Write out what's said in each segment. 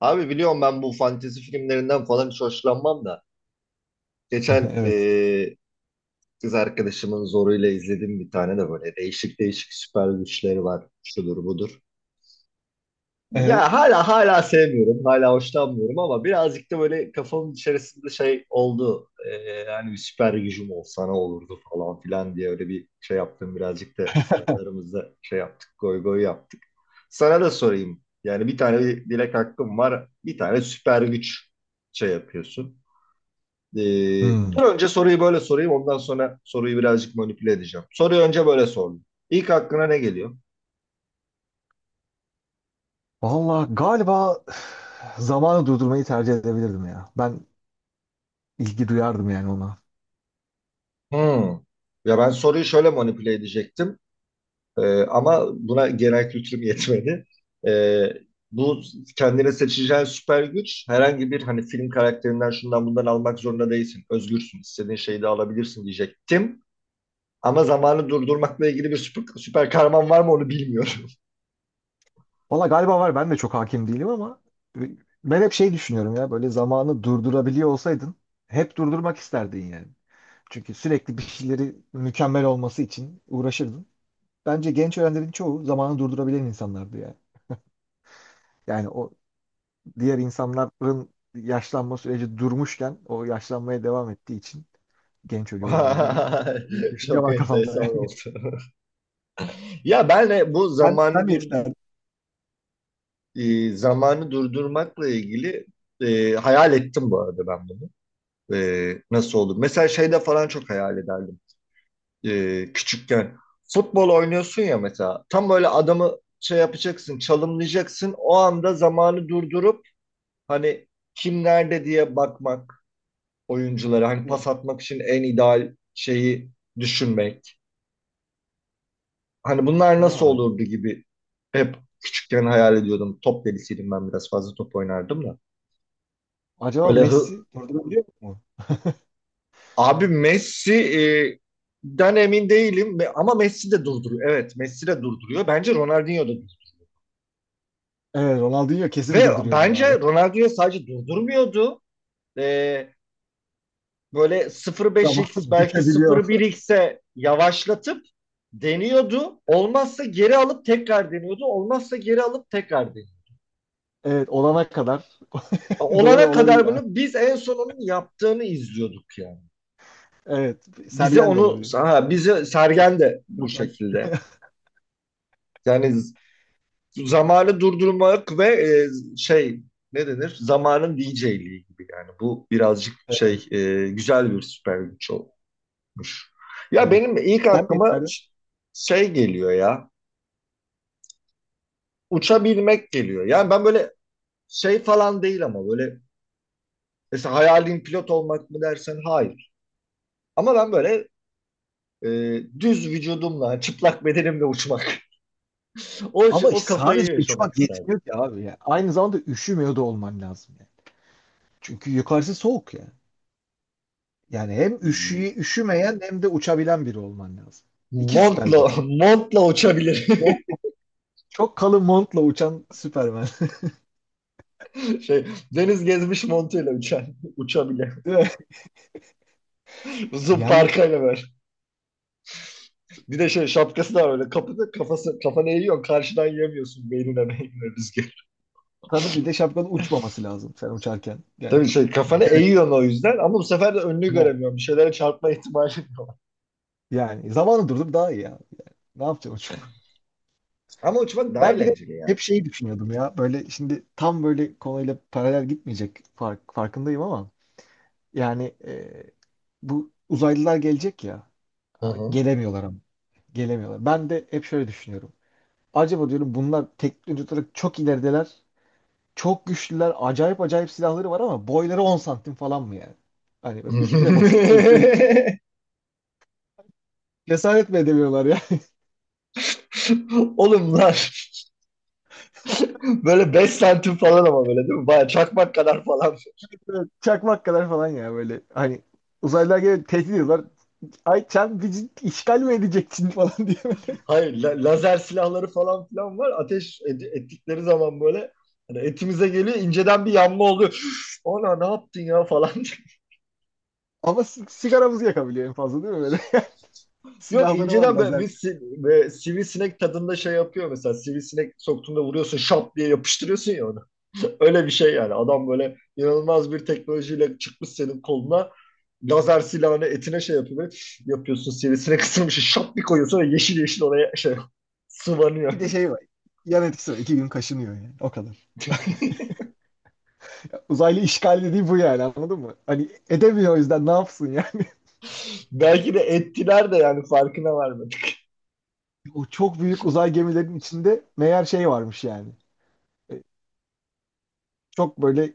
Abi biliyorum ben bu fantezi filmlerinden falan hiç hoşlanmam da. Geçen Evet. Kız arkadaşımın zoruyla izledim bir tane de böyle değişik değişik süper güçleri var. Şudur budur. Evet. Ya hala sevmiyorum, hala hoşlanmıyorum ama birazcık da böyle kafamın içerisinde şey oldu. Hani bir süper gücüm olsa ne olurdu falan filan diye öyle bir şey yaptım. Birazcık da kendi aramızda şey yaptık, goy goy yaptık. Sana da sorayım. Yani bir tane bir dilek hakkım var, bir tane süper güç şey yapıyorsun. Ee, Hmm. dur önce soruyu böyle sorayım, ondan sonra soruyu birazcık manipüle edeceğim. Soruyu önce böyle sordum. İlk aklına ne geliyor? Valla galiba zamanı durdurmayı tercih edebilirdim ya. Ben ilgi duyardım yani ona. Hmm. Ya ben soruyu şöyle manipüle edecektim. Ama buna genel kültürüm yetmedi. Ee, bu kendine seçeceğin süper güç herhangi bir hani film karakterinden şundan bundan almak zorunda değilsin. Özgürsün. İstediğin şeyi de alabilirsin diyecektim. Ama zamanı durdurmakla ilgili bir süper kahraman var mı onu bilmiyorum. Valla galiba var, ben de çok hakim değilim ama ben hep şey düşünüyorum ya, böyle zamanı durdurabiliyor olsaydın hep durdurmak isterdin yani. Çünkü sürekli bir şeyleri mükemmel olması için uğraşırdın. Bence genç öğrencilerin çoğu zamanı durdurabilen insanlardı yani. Yani o diğer insanların yaşlanma süreci durmuşken o yaşlanmaya devam ettiği için genç ölüyorlar gibi bir düşünce Çok var kafamda enteresan yani. oldu. Ya ben de bu Sen zamanı ne dur isterdin? e, zamanı durdurmakla ilgili hayal ettim bu arada ben bunu. Nasıl olur? Mesela şeyde falan çok hayal ederdim. Küçükken. Futbol oynuyorsun ya mesela. Tam böyle adamı şey yapacaksın, çalımlayacaksın. O anda zamanı durdurup hani kim nerede diye bakmak oyunculara. Hani pas Bilmiyorum. atmak için en ideal şeyi düşünmek. Hani bunlar nasıl Ha, olurdu gibi hep küçükken hayal ediyordum. Top delisiydim ben biraz fazla top oynardım da. acaba Böyle Messi hı... durdurabiliyor mu? Abi Messi den emin değilim ama Messi de durduruyor. Evet, Messi de durduruyor. Bence Ronaldinho da. Evet, Ronaldinho kesin Ve durduruyordur abi. bence Ronaldinho sadece durdurmuyordu. Ee, böyle Zaman 0.5x belki bükebiliyor. 0.1x'e yavaşlatıp deniyordu. Olmazsa geri alıp tekrar deniyordu. Olmazsa geri alıp tekrar deniyordu. Evet, olana kadar. Doğru Olana olabilir kadar abi. bunu biz en sonunun yaptığını izliyorduk yani. Evet, Bize Sergen de onu olabilir. ha, bize Sergen de bu Yok, ben- şekilde. Yani zamanı durdurmak ve şey ne denir? Zamanın DJ'liği gibi yani. Bu birazcık evet, şey güzel bir süper güç oldu. Tutmuş. Ya evet. benim ilk Sen ne aklıma isterdin? şey geliyor ya. Uçabilmek geliyor. Yani ben böyle şey falan değil ama böyle mesela hayalin pilot olmak mı dersen hayır. Ama ben böyle e, düz vücudumla, çıplak bedenimle uçmak. O Ama o işte sadece kafayı yaşamak uçmak isterdim. yetmiyor ki abi ya. Aynı zamanda üşümüyor da olman lazım yani. Çünkü yukarısı soğuk ya. Yani hem üşümeyen hem de uçabilen biri olman lazım. İki süper Montla, güç olur. montla uçabilir. Çok kalın montla uçan Superman. Şey, deniz gezmiş montuyla uçan, uçabilir. Değil mi? Uzun Yani parkayla böyle. Bir de şey şapkası da var öyle. Kapıda kafası, kafanı eğiyorsun. Karşıdan yemiyorsun beynine beynine rüzgar. tabii bir de şapkanın uçmaması lazım sen uçarken. Yani Tabii şey kafanı düşerek. eğiyorsun o yüzden ama bu sefer de önünü Ha, göremiyorum. Bir şeylere çarpma ihtimali var. yani zamanı durdurup daha iyi ya. Ne yapacaksın uçup? Ama uçmak daha Ben bir de eğlenceli hep ya. şeyi düşünüyordum ya. Böyle şimdi tam böyle konuyla paralel gitmeyecek farkındayım ama yani bu uzaylılar gelecek ya. Hı hı. Gelemiyorlar ama. Gelemiyorlar. Ben de hep şöyle düşünüyorum. Acaba diyorum, bunlar teknolojik olarak çok ilerideler. Çok güçlüler. Acayip acayip silahları var ama boyları 10 santim falan mı yani? Hani böyle üstüne basıp öldürelim. Cesaret mi edemiyorlar ya? Oğlum lan. Böyle 5 santim falan ama böyle değil mi? Baya çakmak kadar falan. Böyle çakmak kadar falan ya böyle. Hani uzaylılar gelip tehdit ediyorlar. Ay, sen bizi işgal mi edeceksin falan diye böyle. Hayır lazer silahları falan filan var. Ateş ettikleri zaman böyle hani etimize geliyor inceden bir yanma oluyor. Ona ne yaptın ya falan. Ama sigaramızı yakabiliyor en fazla, değil mi böyle? Yok Silahları var, inceden böyle lazer. bir, böyle sivrisinek tadında şey yapıyor mesela sivrisinek soktuğunda vuruyorsun şap diye yapıştırıyorsun ya onu. Öyle bir şey yani adam böyle inanılmaz bir teknolojiyle çıkmış senin koluna lazer silahını etine şey yapıyor böyle, yapıyorsun sivrisinek ısırmış şap bir koyuyorsun ve yeşil yeşil oraya şey sıvanıyor. Bir de şey var. Yan etkisi var. İki gün kaşınıyor yani. O kadar. Uzaylı işgal dediği bu yani, anladın mı? Hani edemiyor, o yüzden ne yapsın yani? Belki de ettiler de yani farkına varmadık. O çok büyük uzay gemilerinin içinde meğer şey varmış yani. Çok böyle,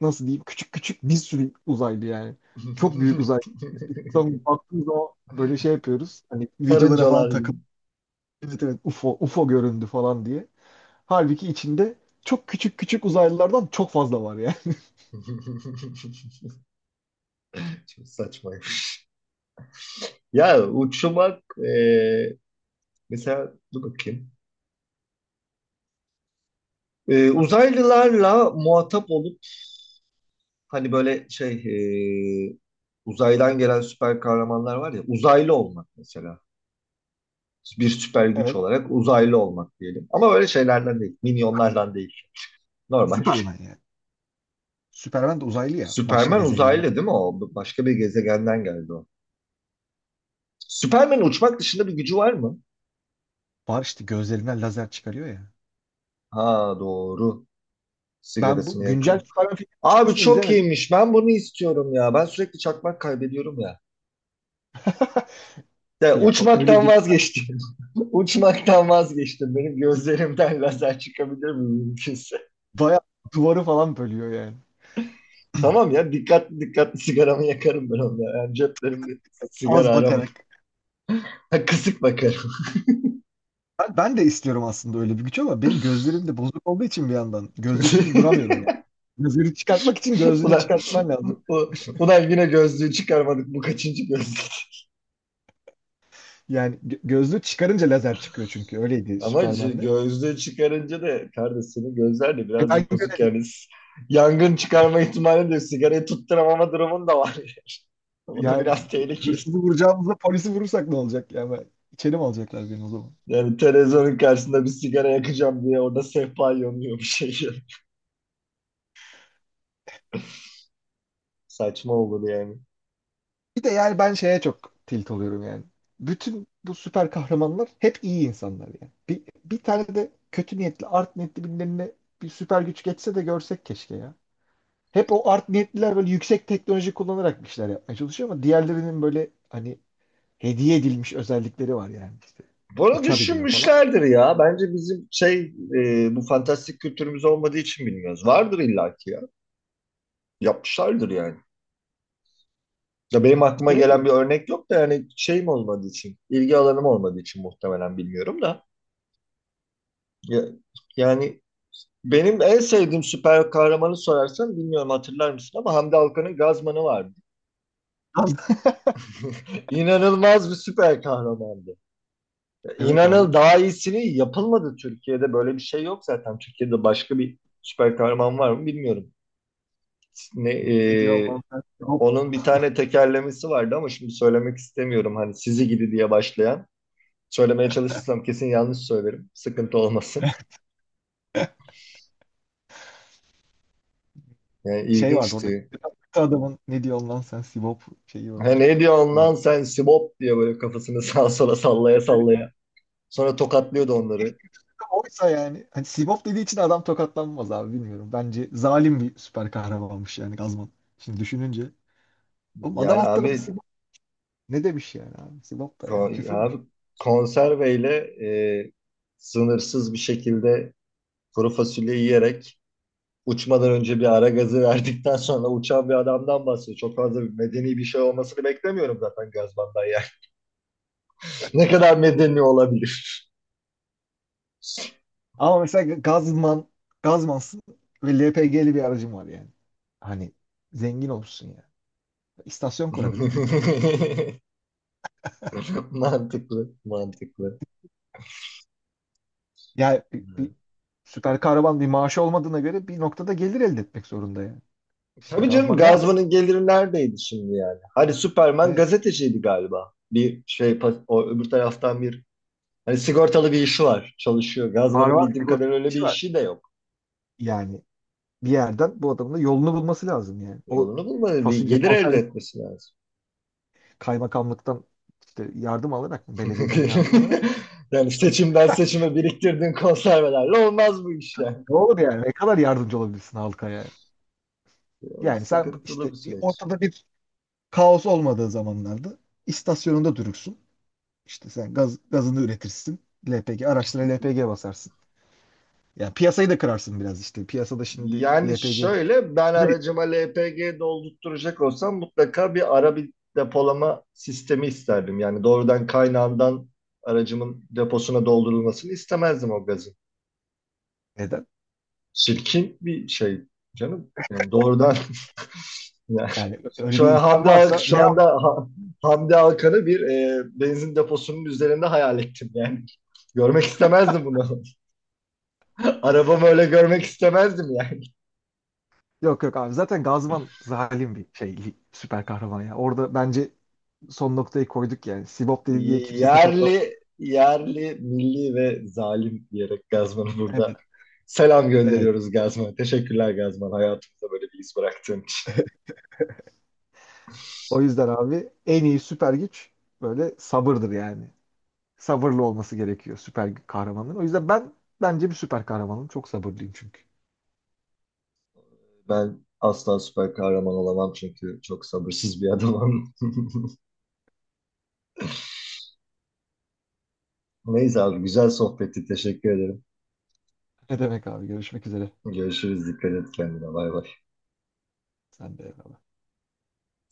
nasıl diyeyim, küçük küçük bir sürü uzaylı yani. Çok büyük uzaylı. Biz buradan baktığımız zaman böyle şey yapıyoruz. Hani videolara falan Karıncalar gibi. takıp evet evet UFO UFO göründü falan diye. Halbuki içinde çok küçük küçük uzaylılardan çok fazla var yani. Çok saçma. Ya uçmak mesela dur bakayım. Uzaylılarla muhatap olup hani böyle şey e, uzaydan gelen süper kahramanlar var ya uzaylı olmak mesela. Bir süper güç Evet. olarak uzaylı olmak diyelim. Ama böyle şeylerden değil. Minyonlardan değil. Normal. Süperman yani. Süperman de uzaylı ya. Başka Superman gezegenler. uzaylı değil mi o? Başka bir gezegenden geldi o. Superman uçmak dışında bir gücü var mı? Var işte, gözlerinden lazer çıkarıyor ya. Ha, doğru. Ben Sigarasını bu güncel yakıyor. Superman filminin Abi hiçbirisini çok izlemedim. iyiymiş. Ben bunu istiyorum ya. Ben sürekli çakmak kaybediyorum ya. Ya Ya öyle uçmaktan bir vazgeçtim. Uçmaktan vazgeçtim. Benim gözlerimden lazer çıkabilir mi mümkünse? bayağı duvarı falan bölüyor yani. Tamam ya dikkatli dikkatli sigaramı yakarım ben onda. Yani ceplerimde Az sigara aramayayım. bakarak. Kısık bakarım. Ben de istiyorum aslında öyle bir güç ama benim gözlerim de bozuk olduğu için bir yandan gözlüksüz duramıyorum yani. Lazeri çıkartmak için gözlüğünü Ulan, çıkartman lazım. u- ulan yine gözlüğü çıkarmadık. Bu kaçıncı gözlük? Yani gözlüğü çıkarınca lazer çıkıyor çünkü öyleydi Ama işte Superman'de. gözlüğü çıkarınca da kardeşinin gözler de E ben birazcık bozuk göremiyorum. yani yangın çıkarma ihtimali de sigarayı tutturamama durumun da var. O da Yani biraz tehlikeli. hırsızı vuracağımızda polisi vurursak ne olacak? Yani ben, içeri mi alacaklar beni o zaman? Yani televizyonun karşısında bir sigara yakacağım diye orada sehpa yanıyor bir şey. Saçma olur yani. Bir de yani ben şeye çok tilt oluyorum yani. Bütün bu süper kahramanlar hep iyi insanlar yani. Bir tane de kötü niyetli, art niyetli birilerine bir süper güç geçse de görsek keşke ya. Hep o art niyetliler böyle yüksek teknoloji kullanarak bir şeyler yapmaya çalışıyor ama diğerlerinin böyle hani hediye edilmiş özellikleri var yani işte. Bunu Uçabiliyor falan. düşünmüşlerdir ya. Bence bizim şey bu fantastik kültürümüz olmadığı için bilmiyoruz. Vardır illaki ya. Yapmışlardır yani. Ya benim aklıma İşte ne gelen bileyim. bir örnek yok da yani şeyim olmadığı için, ilgi alanım olmadığı için muhtemelen bilmiyorum da. Ya- yani benim en sevdiğim süper kahramanı sorarsan bilmiyorum hatırlar mısın ama Hamdi Alkan'ın Gazman'ı vardı. İnanılmaz bir süper kahramandı. Evet İnanıl abi. daha iyisini yapılmadı Türkiye'de. Böyle bir şey yok zaten. Türkiye'de başka bir süper kahraman var mı bilmiyorum. Ne, Ne diyor lan sen Sibop, onun bir tane tekerlemesi vardı ama şimdi söylemek istemiyorum. Hani sizi gidi diye başlayan. Söylemeye çalışırsam kesin yanlış söylerim. Sıkıntı olmasın. Yani şey vardı orada. ilginçti. Adamın "ne diyor lan sen Sibop" şeyi He, öyle çok ne diyorsun lan kullandı. sen Sibop diye böyle kafasını sağa sola sallaya Yani sallaya. Sonra tokatlıyordu en en onları. kötüsü de oysa yani. Hani Sibop dediği için adam tokatlanmaz abi, bilmiyorum. Bence zalim bir süper kahramanmış yani Gazman. Şimdi düşününce. Oğlum adam Yani alt tarafı abi, Sibop. Ne demiş yani abi? Sibop da yani ko- abi küfürmüş. konserveyle e, sınırsız bir şekilde kuru fasulye yiyerek uçmadan önce bir ara gazı verdikten sonra uçan bir adamdan bahsediyor. Çok fazla bir medeni bir şey olmasını beklemiyorum zaten Gazban'dan yani. Ne kadar medeni olabilir? Ama mesela Gazman, Gazmansın ve LPG'li bir aracım var yani. Hani zengin olmuşsun ya. İstasyon kurarım ben ya. Mantıklı, mantıklı. Ya bir süper kahraman bir maaşı olmadığına göre bir noktada gelir elde etmek zorunda yani. Şimdi Tabii canım Gazman ne yapsın? Gazman'ın geliri neredeydi şimdi yani? Hani Superman Evet. gazeteciydi galiba. O öbür taraftan bir hani sigortalı bir işi var. Çalışıyor. Var Gazman'ın var, bildiğim sigorta kadarıyla öyle bir işi var. işi de yok. Yani bir yerden bu adamın da yolunu bulması lazım yani. O Yolunu bulmadı. Bir fasulye gelir elde konserve, etmesi lazım. kaymakamlıktan işte yardım alarak mı? Belediyeden yardım alarak mı? Yani İşte seçimden seçime biriktirdiğin konservelerle olmaz bu iş yani. ne olur yani? Ne kadar yardımcı olabilirsin halka ya? O Yani sen sıkıntılı işte bir bir süreç. ortada bir kaos olmadığı zamanlarda istasyonunda durursun. İşte sen gazını üretirsin. LPG araçlara LPG basarsın. Yani piyasayı da kırarsın biraz işte. Piyasada şimdi Yani LPG'nin şöyle ben aracıma LPG doldurtturacak olsam mutlaka bir ara bir depolama sistemi isterdim. Yani doğrudan kaynağından aracımın deposuna doldurulmasını istemezdim o gazın. neden? Çirkin bir şey canım. Yani doğrudan. Yani Yani öyle şu bir an imkan Hamdi Al- varsa şu ne yap? anda Ha- Hamdi Alkan'ı bir benzin deposunun üzerinde hayal ettim yani. Görmek istemezdim bunu. Arabamı öyle görmek istemezdim yani. Yok yok abi, zaten Gazman zalim bir şey, süper kahraman ya. Orada bence son noktayı koyduk yani. Sibop dedi diye kimse tokatlanmaz. Yerli, yerli, milli ve zalim diyerek Gazman'ı burada Evet. selam Evet. gönderiyoruz Gazman. Teşekkürler Gazman hayatımızda böyle bir iz bıraktığın için. O yüzden abi en iyi süper güç böyle sabırdır yani. Sabırlı olması gerekiyor süper kahramanların. O yüzden ben bence bir süper kahramanım. Çok sabırlıyım çünkü. Ben asla süper kahraman olamam çünkü çok sabırsız bir adamım. Neyse abi güzel sohbetti teşekkür ederim. Ne demek abi, görüşmek üzere. Görüşürüz dikkat et kendine, bay bay. Sen de eyvallah.